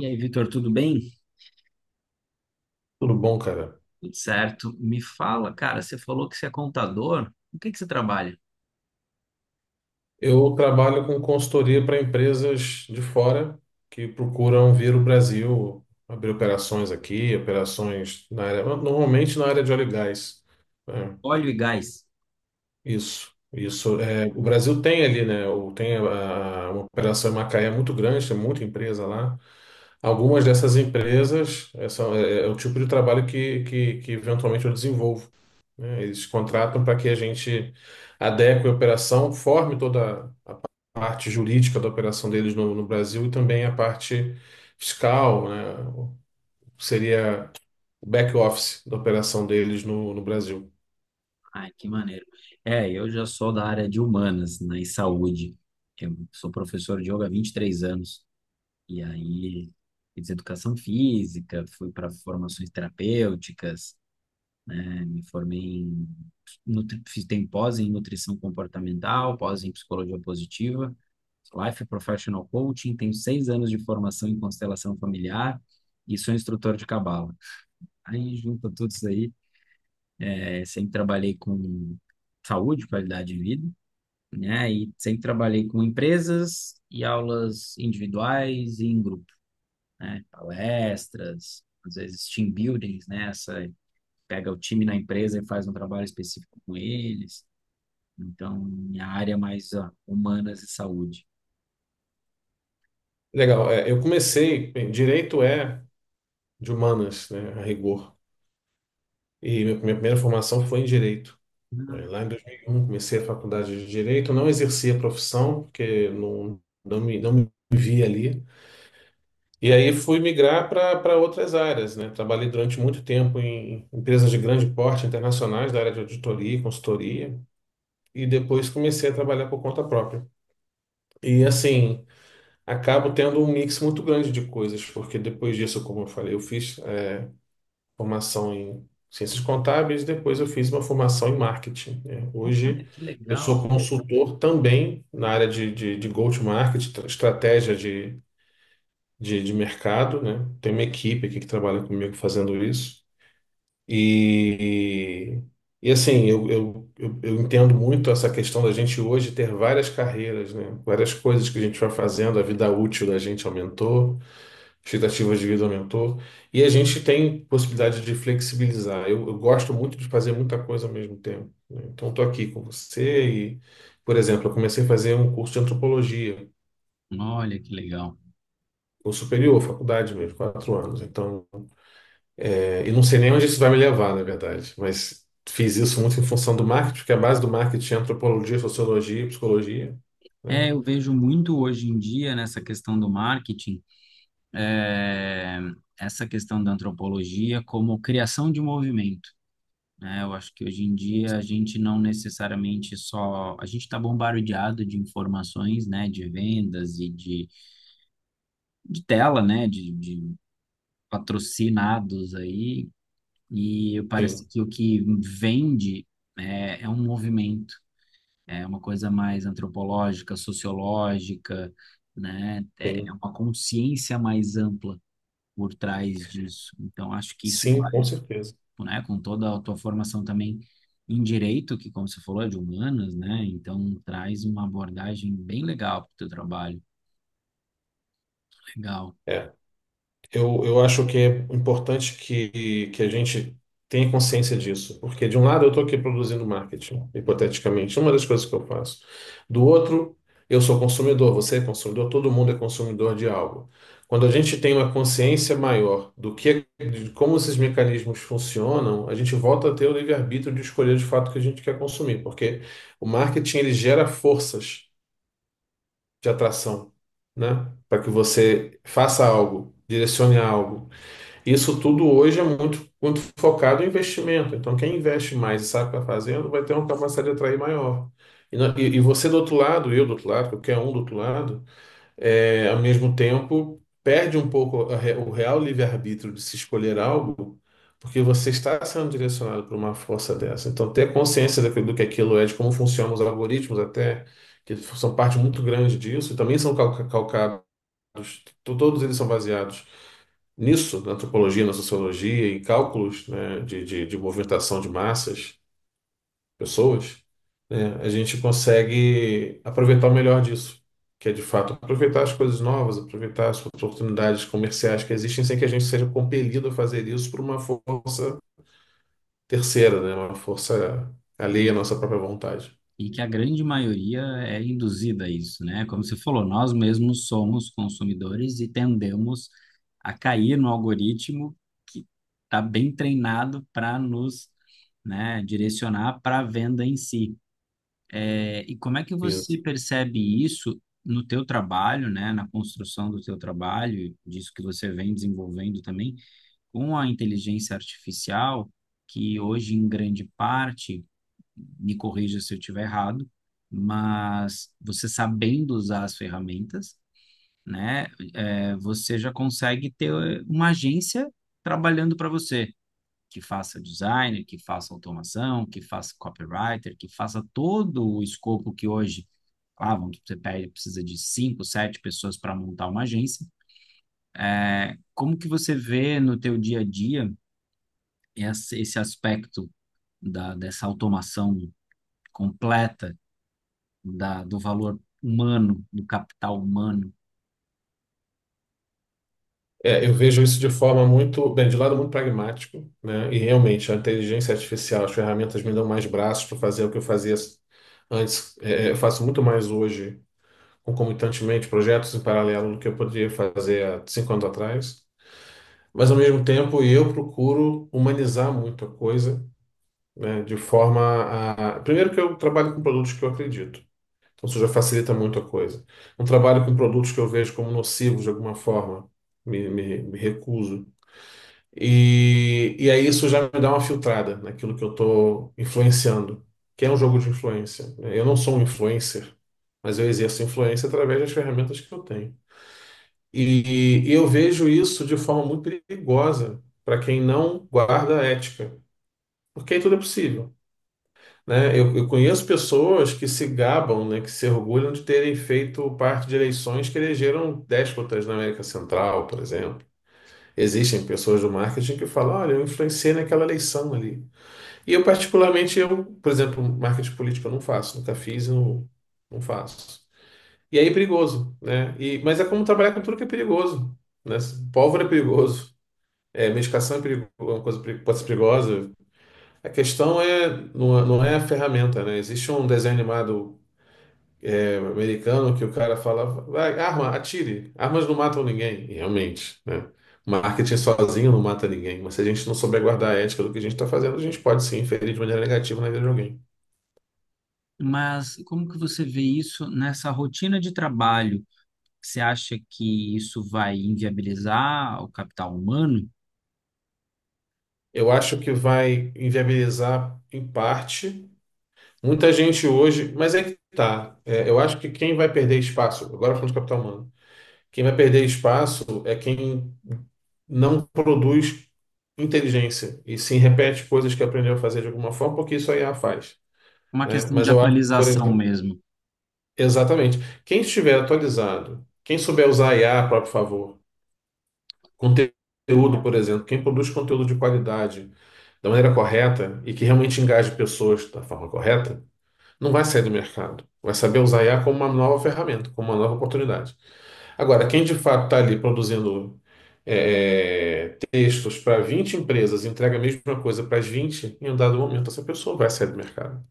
E aí, Vitor, tudo bem? Tudo bom, cara? Tudo certo. Me fala, cara, você falou que você é contador. O que que você trabalha? Eu trabalho com consultoria para empresas de fora que procuram vir o Brasil, abrir operações aqui, operações na área, normalmente na área de óleo e gás. É, Óleo e gás. isso, isso. O Brasil tem ali, né? Tem uma operação em Macaé muito grande, tem muita empresa lá. Algumas dessas empresas é o tipo de trabalho que eventualmente eu desenvolvo, né? Eles contratam para que a gente adeque a operação, forme toda parte jurídica da operação deles no Brasil e também a parte fiscal, né? Seria o back office da operação deles no Brasil. Ai, que maneiro. É, eu já sou da área de humanas, né, e saúde. Eu sou professor de yoga há 23 anos. E aí, fiz educação física, fui para formações terapêuticas, me formei em, tem pós em nutrição comportamental, pós em psicologia positiva, Life Professional Coaching, tenho 6 anos de formação em constelação familiar e sou instrutor de cabala. Aí junto tudo isso aí, sempre trabalhei com saúde, qualidade de vida, né? E sempre trabalhei com empresas e aulas individuais e em grupo, né? Palestras, às vezes team buildings, né? Essa pega o time na empresa e faz um trabalho específico com eles. Então, minha área é mais ó, humanas e saúde. Legal. É, eu comecei, bem, direito é de humanas, né, a rigor, e minha primeira formação foi em direito. Ah, Lá em 2001 comecei a faculdade de direito, não exerci a profissão, porque não me via ali. E aí fui migrar para outras áreas, né? Trabalhei durante muito tempo em empresas de grande porte internacionais da área de auditoria e consultoria, e depois comecei a trabalhar por conta própria. E assim, acabo tendo um mix muito grande de coisas, porque depois disso, como eu falei, eu fiz a formação em ciências contábeis, depois eu fiz uma formação em marketing, né? olha Hoje que eu sou legal. consultor também na área de go-to-market, estratégia de mercado, né? Tem uma equipe aqui que trabalha comigo fazendo isso. E, e assim, eu entendo muito essa questão da gente hoje ter várias carreiras, né? Várias coisas que a gente vai fazendo, a vida útil da gente aumentou, expectativas de vida aumentou, e a gente tem possibilidade de flexibilizar. Eu gosto muito de fazer muita coisa ao mesmo tempo, né? Então, estou aqui com você e, por exemplo, eu comecei a fazer um curso de antropologia. Olha que legal. O superior, faculdade mesmo, quatro anos. E não sei nem onde isso vai me levar, na verdade, mas fiz isso muito em função do marketing, porque a base do marketing é antropologia, sociologia, e psicologia, né? É, eu vejo muito hoje em dia nessa questão do marketing, eh, essa questão da antropologia como criação de movimento. Né? Eu acho que hoje em dia a gente não necessariamente só. A gente está bombardeado de informações, né, de vendas e de tela, né, de patrocinados aí. E parece Sim, que o que vende é um movimento, é uma coisa mais antropológica, sociológica, né? É é sim, uma consciência mais ampla por trás disso. Então, acho que isso sim, vai, com certeza. né, com toda a tua formação também em direito, que, como você falou, é de humanas, né? Então, traz uma abordagem bem legal para o teu trabalho. Legal. É. Eu acho que é importante que a gente tenha consciência disso, porque de um lado eu estou aqui produzindo marketing, hipoteticamente, uma das coisas que eu faço. Do outro, eu sou consumidor, você é consumidor, todo mundo é consumidor de algo. Quando a gente tem uma consciência maior do que, de como esses mecanismos funcionam, a gente volta a ter o livre-arbítrio de escolher de fato o que a gente quer consumir, porque o marketing ele gera forças de atração, né? Para que você faça algo, direcione algo. Isso tudo hoje é muito focado em investimento. Então, quem investe mais e sabe o que está fazendo vai ter uma capacidade de atrair maior. E você do outro lado, eu do outro lado, qualquer um do outro lado, é, ao mesmo tempo perde um pouco o real livre-arbítrio de se escolher algo, porque você está sendo direcionado por uma força dessa. Então, ter consciência do que aquilo é, de como funcionam os algoritmos até, que são parte muito grande disso, e também são calcados, todos eles são baseados nisso, na antropologia, na sociologia, em cálculos, né, de movimentação de massas, pessoas, né, a gente consegue aproveitar o melhor disso, que é de fato aproveitar as coisas novas, aproveitar as oportunidades comerciais que existem sem que a gente seja compelido a fazer isso por uma força terceira, né, uma força E alheia à aí? nossa própria vontade. E que a grande maioria é induzida a isso, né? Como você falou, nós mesmos somos consumidores e tendemos a cair no algoritmo que está bem treinado para nos, né, direcionar para a venda em si. É, e como é que você Isso. percebe isso no teu trabalho, né, na construção do teu trabalho, disso que você vem desenvolvendo também, com a inteligência artificial, que hoje em grande parte me corrija se eu estiver errado, mas você sabendo usar as ferramentas, né, você já consegue ter uma agência trabalhando para você, que faça design, que faça automação, que faça copywriter, que faça todo o escopo que hoje, ah, vamos, precisa de 5, 7 pessoas para montar uma agência. É, como que você vê no teu dia a dia esse aspecto da, dessa automação completa da, do valor humano, do capital humano. É, eu vejo isso de forma muito, bem, de lado muito pragmático, né? E realmente a inteligência artificial, as ferramentas me dão mais braços para fazer o que eu fazia antes. É, eu faço muito mais hoje, concomitantemente, projetos em paralelo do que eu poderia fazer há cinco anos atrás. Mas ao mesmo tempo, eu procuro humanizar muito a coisa, né? De forma a, primeiro que eu trabalho com produtos que eu acredito. Então isso já facilita muito a coisa. Não trabalho com produtos que eu vejo como nocivos de alguma forma. Me recuso. E e aí isso já me dá uma filtrada naquilo que eu estou influenciando, que é um jogo de influência, né? Eu não sou um influencer, mas eu exerço influência através das ferramentas que eu tenho. E eu vejo isso de forma muito perigosa para quem não guarda a ética, porque aí tudo é possível. Né? Eu conheço pessoas que se gabam, né, que se orgulham de terem feito parte de eleições que elegeram déspotas na América Central, por exemplo. Existem pessoas do marketing que falam, olha, eu influenciei naquela eleição ali. E eu, particularmente, eu, por exemplo, marketing político eu não faço, nunca fiz e não faço. E aí é perigoso, né? E, mas é como trabalhar com tudo que é perigoso, né? Pólvora é perigoso, é, medicação é perigo, é uma coisa pode ser perigosa. A questão é, não é a ferramenta, né? Existe um desenho animado americano que o cara fala, vai, arma, atire. Armas não matam ninguém. E realmente, né? Marketing sozinho não mata ninguém, mas se a gente não souber guardar a ética do que a gente está fazendo, a gente pode sim inferir de maneira negativa na vida de alguém. Mas como que você vê isso nessa rotina de trabalho? Você acha que isso vai inviabilizar o capital humano? Eu acho que vai inviabilizar em parte muita gente hoje, mas é que tá. É, eu acho que quem vai perder espaço, agora falando de capital humano, quem vai perder espaço é quem não produz inteligência e sim repete coisas que aprendeu a fazer de alguma forma, porque isso a IA faz, É uma né? questão de Mas eu acho que, por atualização exemplo, mesmo. exatamente. Quem estiver atualizado, quem souber usar IA a próprio favor, conteúdo, por exemplo, quem produz conteúdo de qualidade da maneira correta e que realmente engaje pessoas da forma correta, não vai sair do mercado. Vai saber usar IA como uma nova ferramenta, como uma nova oportunidade. Agora, quem de fato está ali produzindo textos para 20 empresas, e entrega a mesma coisa para as 20 em um dado momento essa pessoa vai sair do mercado.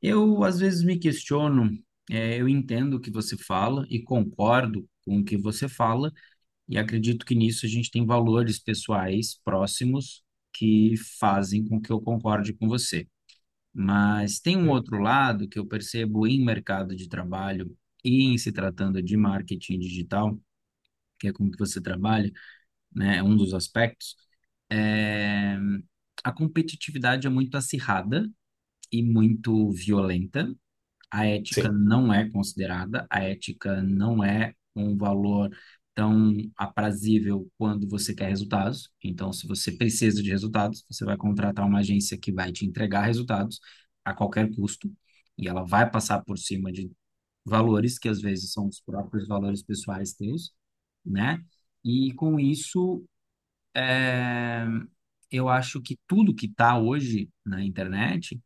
Eu, às vezes, me questiono, eu entendo o que você fala e concordo com o que você fala, e acredito que nisso a gente tem valores pessoais próximos que fazem com que eu concorde com você. Mas tem um outro lado que eu percebo em mercado de trabalho e em se tratando de marketing digital, que é como que você trabalha, né? É um dos aspectos. eh, A competitividade é muito acirrada e muito violenta. A ética Sim, não é considerada, a ética não é um valor tão aprazível quando você quer resultados. Então, se você precisa de resultados, você vai contratar uma agência que vai te entregar resultados a qualquer custo, e ela vai passar por cima de valores que às vezes são os próprios valores pessoais teus, né? E com isso, eh, eu acho que tudo que está hoje na internet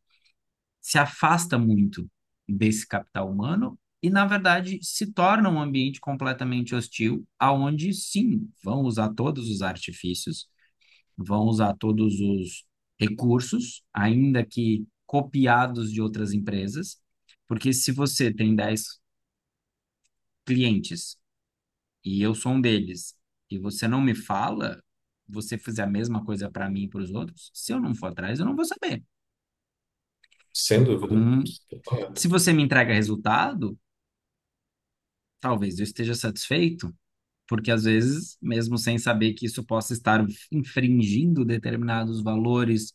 se afasta muito desse capital humano e, na verdade, se torna um ambiente completamente hostil, aonde sim, vão usar todos os artifícios, vão usar todos os recursos, ainda que copiados de outras empresas, porque se você tem 10 clientes e eu sou um deles, e você não me fala, você fizer a mesma coisa para mim e para os outros, se eu não for atrás, eu não vou saber. sem dúvida. Então, se Correto. você me entrega resultado, talvez eu esteja satisfeito, porque às vezes, mesmo sem saber que isso possa estar infringindo determinados valores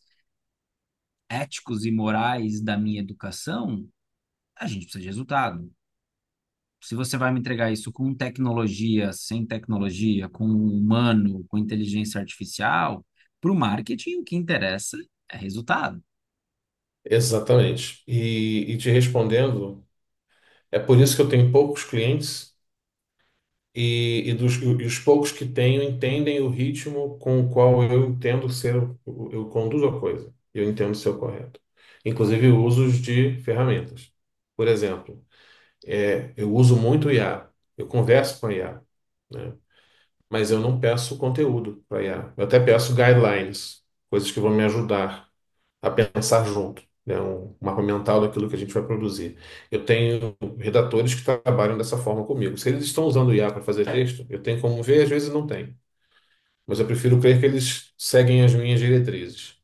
éticos e morais da minha educação, a gente precisa de resultado. Se você vai me entregar isso com tecnologia, sem tecnologia, com um humano, com inteligência artificial, para o marketing o que interessa é resultado. Exatamente. E e te respondendo, é por isso que eu tenho poucos clientes e, e os poucos que tenho entendem o ritmo com o qual eu entendo ser, eu conduzo a coisa. Eu entendo ser o correto. Inclusive usos de ferramentas. Por exemplo, é, eu uso muito o IA. Eu converso com a IA, né? Mas eu não peço conteúdo para IA. Eu até peço guidelines, coisas que vão me ajudar a pensar junto, né? Um mapa mental daquilo que a gente vai produzir. Eu tenho redatores que trabalham dessa forma comigo. Se eles estão usando o IA para fazer texto, eu tenho como ver, às vezes não tem. Mas eu prefiro crer que eles seguem as minhas diretrizes.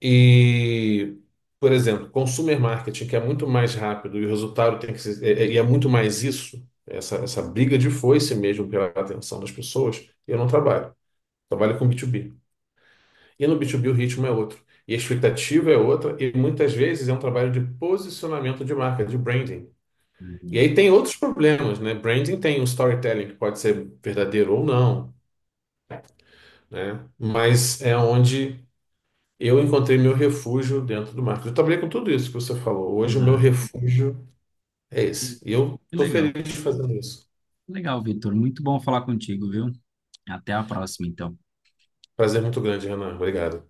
E, por exemplo, consumer marketing, que é muito mais rápido e o resultado tem que ser, e é muito mais isso, essa briga de foice mesmo pela atenção das pessoas, eu não trabalho trabalha com B2B. E no B2B o ritmo é outro. E a expectativa é outra. E muitas vezes é um trabalho de posicionamento de marca, de branding. E Uhum. aí tem outros problemas, né? Branding tem um storytelling, que pode ser verdadeiro ou não, né? Mas é onde eu encontrei meu refúgio dentro do marketing. Eu trabalhei com tudo isso que você falou. Hoje o meu Ah, refúgio é esse. E eu que estou legal. feliz fazendo isso. Legal, Vitor. Muito bom falar contigo, viu? Até a próxima, então. Prazer muito grande, Renan. Obrigado.